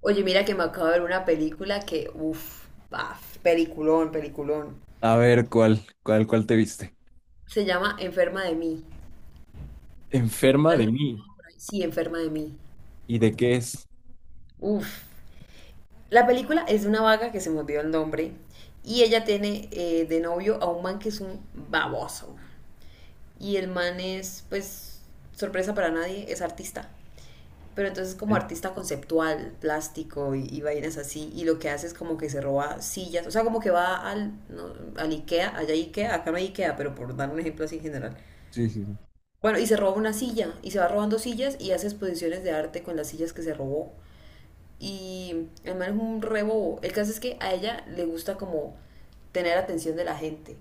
Oye, mira que me acabo de ver una película que, peliculón, peliculón. A ver, ¿cuál te viste? Se llama Enferma de mí. Enferma ¿La de por mí. ahí? Sí, Enferma de mí. ¿Y de qué es? Uf. La película es de una vaga que se me olvidó el nombre y ella tiene de novio a un man que es un baboso. Y el man es, pues, sorpresa para nadie, es artista, pero entonces como ¿Eh? artista conceptual, plástico y vainas así, y lo que hace es como que se roba sillas, o sea, como que va al, no, al Ikea, allá hay Ikea, acá no hay Ikea, pero por dar un ejemplo así en general. Sí, sí, sí. Bueno, y se roba una silla, y se va robando sillas y hace exposiciones de arte con las sillas que se robó. Y el man es un rebobo. El caso es que a ella le gusta como tener atención de la gente.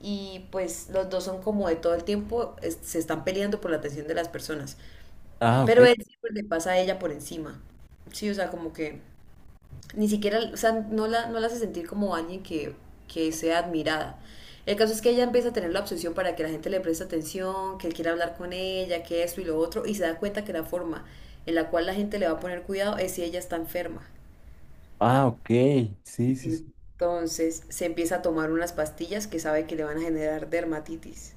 Y pues los dos son como de todo el tiempo, se están peleando por la atención de las personas. Ah, Pero ok. él siempre le pasa a ella por encima. Sí, o sea, como que ni siquiera, o sea, no la hace sentir como alguien que sea admirada. El caso es que ella empieza a tener la obsesión para que la gente le preste atención, que él quiera hablar con ella, que esto y lo otro, y se da cuenta que la forma en la cual la gente le va a poner cuidado es si ella está enferma. Ah, ok. Sí, sí, sí. Entonces se empieza a tomar unas pastillas que sabe que le van a generar dermatitis.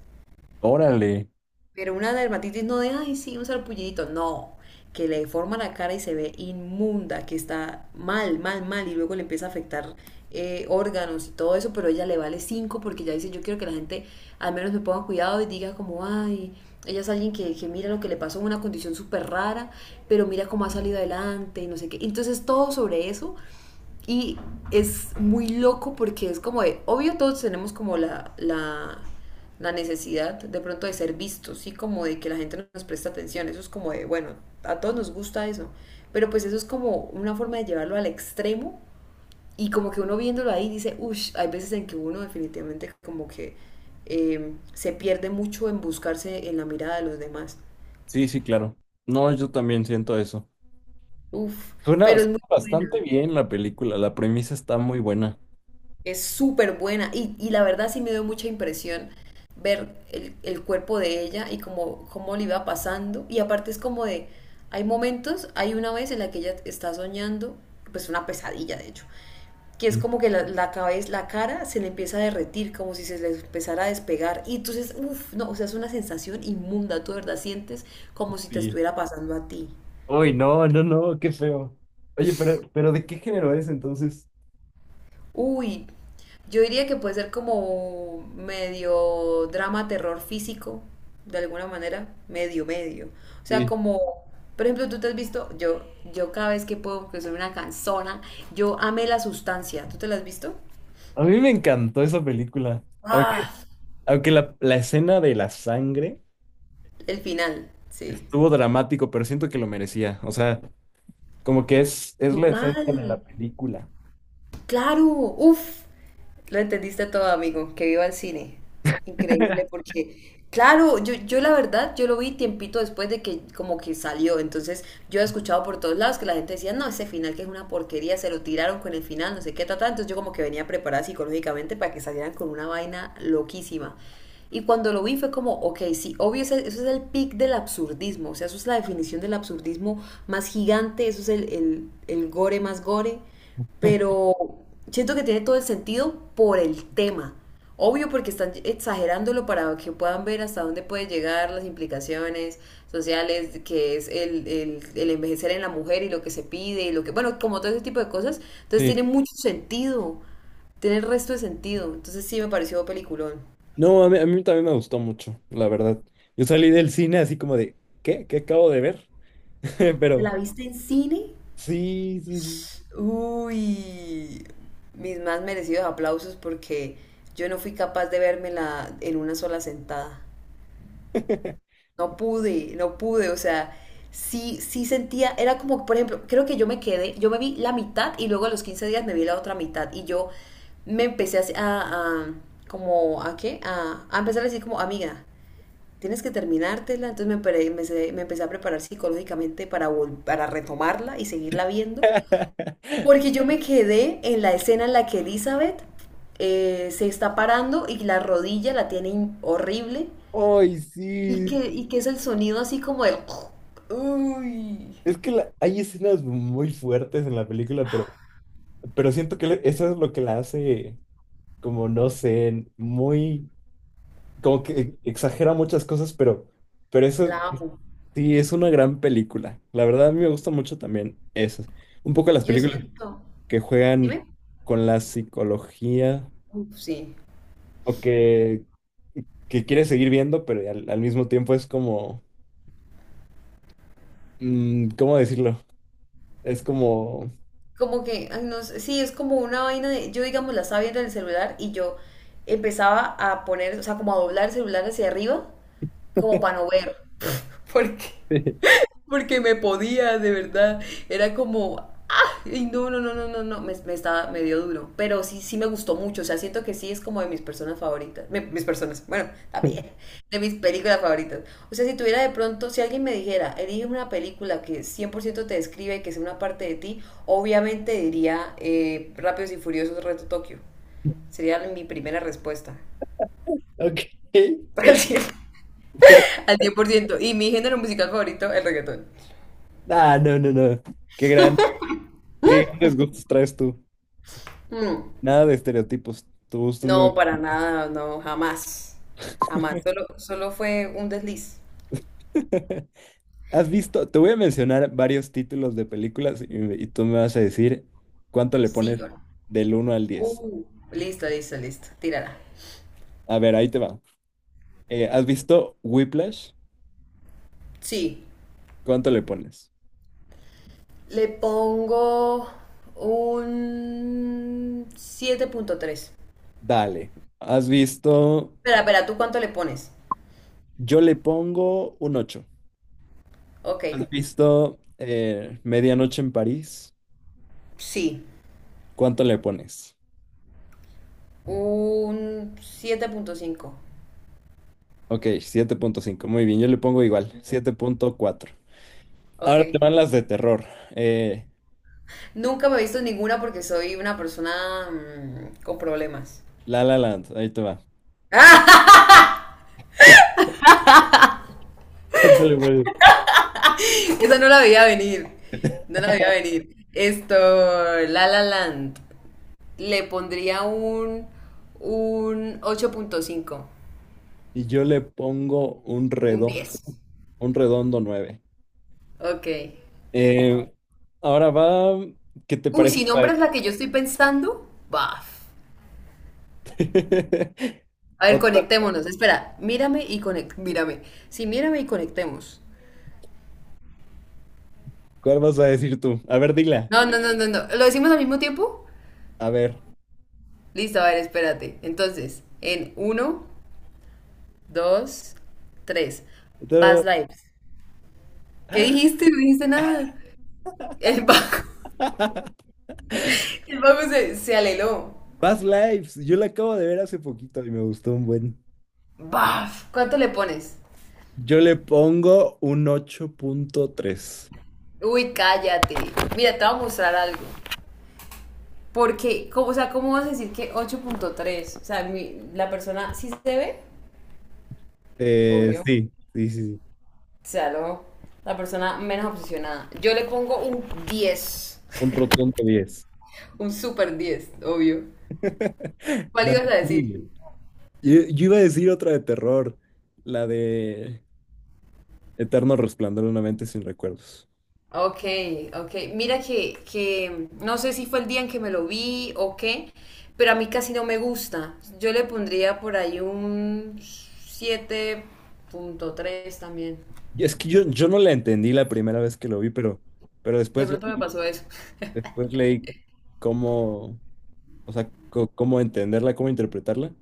Órale. Pero una dermatitis no de, ay, sí, un sarpullidito. No, que le deforma la cara y se ve inmunda, que está mal, mal, mal, y luego le empieza a afectar órganos y todo eso, pero ella le vale cinco porque ya dice, yo quiero que la gente al menos me ponga cuidado y diga como, ay, ella es alguien que mira lo que le pasó, una condición súper rara, pero mira cómo ha salido adelante y no sé qué. Entonces todo sobre eso y es muy loco porque es como de, obvio todos tenemos como la necesidad de pronto de ser vistos, sí, como de que la gente nos presta atención, eso es como de, bueno, a todos nos gusta eso, pero pues eso es como una forma de llevarlo al extremo y como que uno viéndolo ahí dice, hay veces en que uno definitivamente como que se pierde mucho en buscarse en la mirada de los demás, Sí, sí, claro. No, yo también siento eso. uff, Suena, pero es suena muy buena. bastante bien la película. La premisa está muy buena. Es súper buena y la verdad sí me dio mucha impresión ver el cuerpo de ella y cómo, cómo le iba pasando. Y aparte es como de, hay momentos, hay una vez en la que ella está soñando, pues una pesadilla de hecho, que es Sí. como que la cabeza, la cara se le empieza a derretir, como si se le empezara a despegar. Y entonces, no, o sea, es una sensación inmunda, tú de verdad sientes como si te Sí. estuviera pasando a ti. Uy, no, no, no, qué feo. Oye, pero ¿de qué género es entonces? Uy, yo diría que puede ser como medio drama, terror físico, de alguna manera, medio, medio. O sea, Sí. como, por ejemplo, tú te has visto, yo cada vez que puedo, que soy una canzona, yo amé La Sustancia. ¿Tú te la has visto? A mí me encantó esa película. Ah, Aunque, aunque la escena de la sangre el final, sí. estuvo dramático, pero siento que lo merecía. O sea. Como que es la esencia de Total. la película. Claro, lo entendiste todo, amigo, que viva el cine. Increíble porque, claro, yo la verdad, yo lo vi tiempito después de que como que salió, entonces yo he escuchado por todos lados que la gente decía, no, ese final que es una porquería, se lo tiraron con el final, no sé qué, tal, entonces yo como que venía preparada psicológicamente para que salieran con una vaina loquísima. Y cuando lo vi fue como, ok, sí, obvio, eso es el pic del absurdismo, o sea, eso es la definición del absurdismo más gigante, eso es el gore más gore, pero siento que tiene todo el sentido por el tema. Obvio porque están exagerándolo para que puedan ver hasta dónde pueden llegar las implicaciones sociales, que es el envejecer en la mujer y lo que se pide y lo que, bueno, como todo ese tipo de cosas. Entonces Sí. tiene mucho sentido, tiene el resto de sentido. Entonces sí me pareció peliculón. No, a mí también me gustó mucho, la verdad. Yo salí del cine así como de, ¿qué? ¿Qué acabo de ver? ¿Te Pero la viste en cine? sí, sí, sí. Uy, mis más merecidos aplausos porque yo no fui capaz de vérmela en una sola sentada. No pude, no pude, o sea, sí sentía, era como, por ejemplo, creo que yo me quedé, yo me vi la mitad y luego a los 15 días me vi la otra mitad y yo me empecé como, ¿a qué? A empezar a decir como, amiga, tienes que terminártela, entonces me empecé a preparar psicológicamente para, para retomarla y seguirla viendo, porque yo me quedé en la escena en la que Elizabeth se está parando y la rodilla la tiene horrible. Ay, sí. Y qué es el sonido así como el... Uy, Es que hay escenas muy fuertes en la película, pero siento que eso es lo que la hace, como no sé, muy, como que exagera muchas cosas, pero la eso. amo. Sí, es una gran película. La verdad, a mí me gusta mucho también esas. Un poco las Yo películas siento... que juegan Dime. con la psicología Uf, sí. o que quieres seguir viendo, pero al mismo tiempo es como, ¿cómo decirlo? Es como... Como que, ay, no sé, sí, es como una vaina de... Yo, digamos, la estaba viendo en el celular y yo empezaba a poner, o sea, como a doblar el celular hacia arriba, como para no ver. Porque porque me podía, de verdad. Era como, ah, y no, no, no, no, no, no, me estaba medio duro. Pero sí, sí me gustó mucho. O sea, siento que sí es como de mis personas favoritas. Mis personas, bueno, también, de mis películas favoritas. O sea, si tuviera de pronto, si alguien me dijera, elige una película que 100% te describe, que sea una parte de ti, obviamente diría Rápidos y Furiosos Reto Tokio. Sería mi primera respuesta. Ok. Al 100%. Al cien por ciento. Y mi género musical favorito, el reggaetón. Ah, no, no, no. Qué gran, qué grandes gustos traes tú. Mm. Nada de estereotipos. Tu gusto es No, muy... para nada, no, jamás. Jamás. Solo, solo fue un desliz. ¿Has visto? Te voy a mencionar varios títulos de películas y tú me vas a decir cuánto le Sí pones o no. del uno al 10. Uh, listo, listo, listo. Tírala. A ver, ahí te va. ¿Has visto Whiplash? Sí. ¿Cuánto le pones? Le pongo un siete punto tres. Dale. ¿Has visto? Espera, espera, ¿tú cuánto le pones? Yo le pongo un 8. Ok. ¿Has visto Medianoche en París? Sí. ¿Cuánto le pones? Un siete punto cinco. Ok, 7.5, muy bien, yo le pongo igual, 7.4. Ok. Ahora te van las de terror. Eh, Nunca me he visto ninguna porque soy una persona mm, con problemas. La La Land, ahí te va. ¿Cuánto le pones? Esa no la veía venir. No la veía venir. Esto, La La Land. Le pondría un ocho punto cinco. Y yo le pongo un Un redondo, 10. un redondo nueve. Ok. Eh, ahora va, ¿qué te Uy, si parece? ¿Para nombras este? la que yo estoy pensando, baf. A ver, Otra, conectémonos. Espera, mírame y conect. Mírame. Sí, mírame y conectemos. ¿cuál vas a decir tú? A ver, dila. No, no, no, no, no. ¿Lo decimos al mismo tiempo? A ver. Listo, a ver, espérate. Entonces, en uno, 2, 3. Otra- Past Lives. ¿Qué dijiste? No dijiste nada. El Baco, el Baco se aleló. Past Lives, yo la acabo de ver hace poquito y me gustó un buen. Baf. ¿Cuánto le pones? Yo le pongo un 8.3. Uy, cállate. Mira, te voy a mostrar algo. Porque, como, o sea, ¿cómo vas a decir que ocho punto tres? O sea, la persona sí se ve, obvio. O sí, sí, sí, sí. sea, la persona menos obsesionada. Yo le pongo un diez. Un rotundo 10. Un super 10, obvio. ¿Cuál No, ibas a muy decir? bien. Yo iba a decir otra de terror, la de... Eterno resplandor de una mente sin recuerdos. Ok, ok. Mira que no sé si fue el día en que me lo vi o qué, pero a mí casi no me gusta. Yo le pondría por ahí un siete punto tres también. Y es que yo no la entendí la primera vez que lo vi, pero De después pronto me leí, pasó eso. después leí cómo, o sea, cómo entenderla, cómo interpretarla,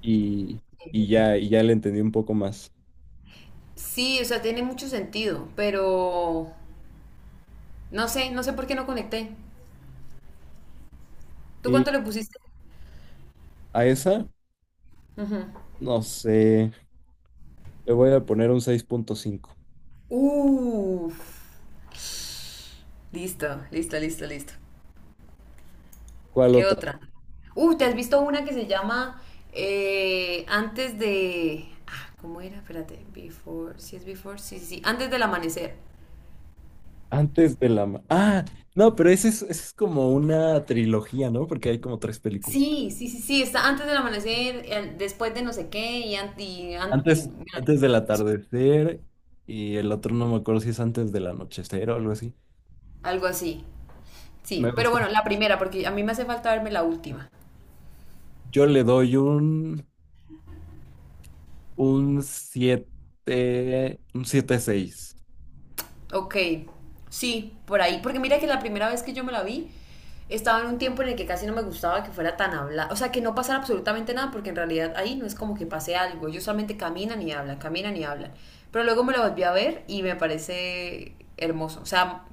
y, y ya la entendí un poco más. Sí, o sea, tiene mucho sentido, pero no sé, no sé por qué no conecté. ¿Tú Y cuánto le pusiste? a esa, Ujú. no sé, le voy a poner un 6.5. Uf, listo, listo, listo, listo. ¿Cuál ¿Qué otra? otra? ¿Te has visto una que se llama Antes de... Ah, ¿cómo era? Espérate, Before, ¿sí es Before? Sí, sí, sí, Antes del amanecer. Antes de la... Ah, no, pero esa es como una trilogía, ¿no? Porque hay como tres películas. Sí, sí, sí, sí, está Antes del amanecer, después de no sé qué Antes del atardecer y el otro no me acuerdo si es antes del anochecer o algo así. algo así. Me Sí, pero gusta. bueno, la primera, porque a mí me hace falta verme la última. Yo le doy un siete seis. Ok, sí, por ahí. Porque mira que la primera vez que yo me la vi, estaba en un tiempo en el que casi no me gustaba que fuera tan hablada. O sea, que no pasara absolutamente nada, porque en realidad ahí no es como que pase algo. Ellos solamente caminan y hablan, caminan y hablan. Pero luego me la volví a ver y me parece hermoso. O sea,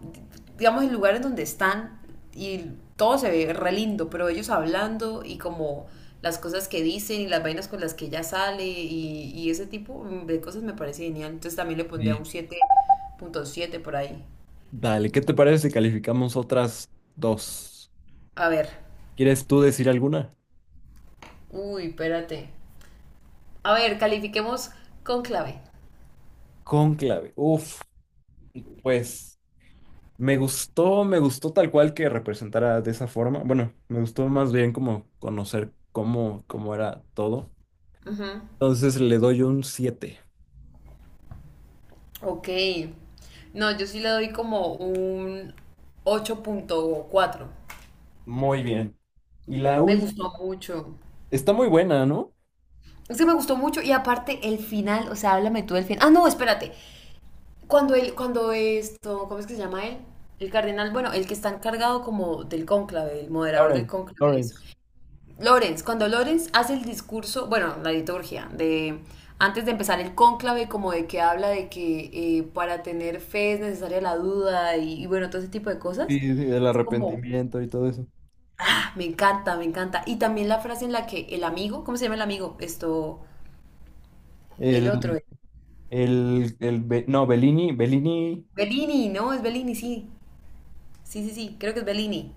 digamos, el lugar en donde están y todo se ve re lindo, pero ellos hablando y como las cosas que dicen y las vainas con las que ella sale y ese tipo de cosas me parece genial. Entonces también le pondría Sí. un siete punto siete por ahí. Dale, ¿qué te parece si calificamos otras dos? A ver, ¿Quieres tú decir alguna? uy, espérate. A ver, califiquemos con clave. Cónclave. Uf, pues me gustó tal cual que representara de esa forma. Bueno, me gustó más bien como conocer cómo, cómo era todo. Ujú. Entonces le doy un siete. Ok. No, yo sí le doy como un ocho punto cuatro. Muy bien. Y la Me última. gustó mucho. Está muy buena, ¿no? Es que me gustó mucho y aparte el final, o sea, háblame tú del final. Ah, no, espérate. Cuando él, cuando esto, ¿cómo es que se llama él? El cardenal, bueno, el que está encargado como del cónclave, el moderador del Lawrence, cónclave y eso. Lawrence. Lorenz, cuando Lorenz hace el discurso, bueno, la liturgia, de antes de empezar el cónclave, como de que habla de que para tener fe es necesaria la duda y bueno, todo ese tipo de Sí, cosas. sí, el Es como, arrepentimiento y todo eso. ah, me encanta, me encanta. Y también la frase en la que el amigo, ¿cómo se llama el amigo? Esto, el El, otro, el, no, Bellini, Bellini. Bellini, ¿no? Es Bellini, sí. Sí, sí, sí, creo que es Bellini.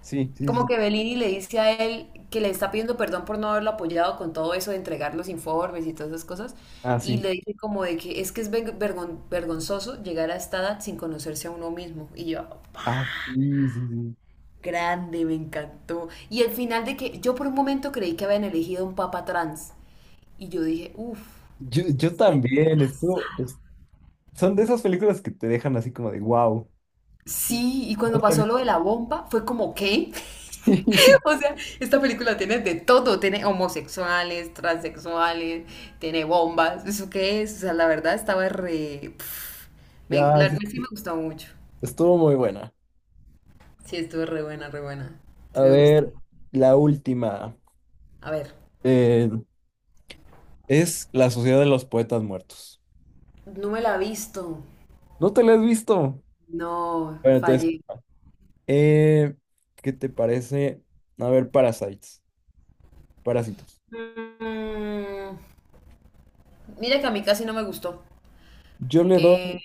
Sí, sí, Como sí. que Bellini le dice a él que le está pidiendo perdón por no haberlo apoyado con todo eso de entregar los informes y todas esas cosas. Ah, Y sí. le dice como de que es vergonzoso llegar a esta edad sin conocerse a uno mismo. Y yo, "Pa, Ah, sí, sí, sí. grande, me encantó. Y el final de que yo por un momento creí que habían elegido un papa trans. Y yo dije, Yo también, esto, son de esas películas que te dejan así como de wow. sí. Y No cuando sabía. pasó lo de la bomba, fue como, ¿qué? O sea, esta película tiene de todo, tiene homosexuales, transexuales, tiene bombas, ¿eso qué es? O sea, la verdad estaba re... pf, Ah, sí, sí me gustó mucho. estuvo muy buena. Sí, estuvo re buena, re buena. A Sí me gustó. ver, la última. A ver. Eh, es La Sociedad de los Poetas Muertos. No me la he visto. ¿No te la has visto? No, Bueno, entonces, fallé. eh, ¿qué te parece? A ver, Parasites. Parásitos. Mm, mira que a mí casi no me gustó. Yo le Eh, doy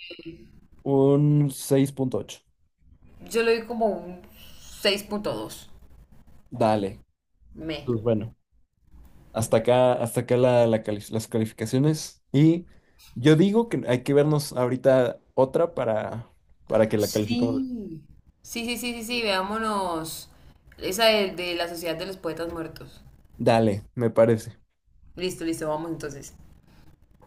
un 6.8. yo le doy como un seis punto dos. Dale. Me. Pues bueno, hasta acá las calificaciones. Y yo digo que hay que vernos ahorita otra para, que la califiquemos. Sí. Sí, sí, sí, sí, sí, veámonos. Esa de la Sociedad de los Poetas Muertos. Dale, me parece. Listo, listo, vamos entonces.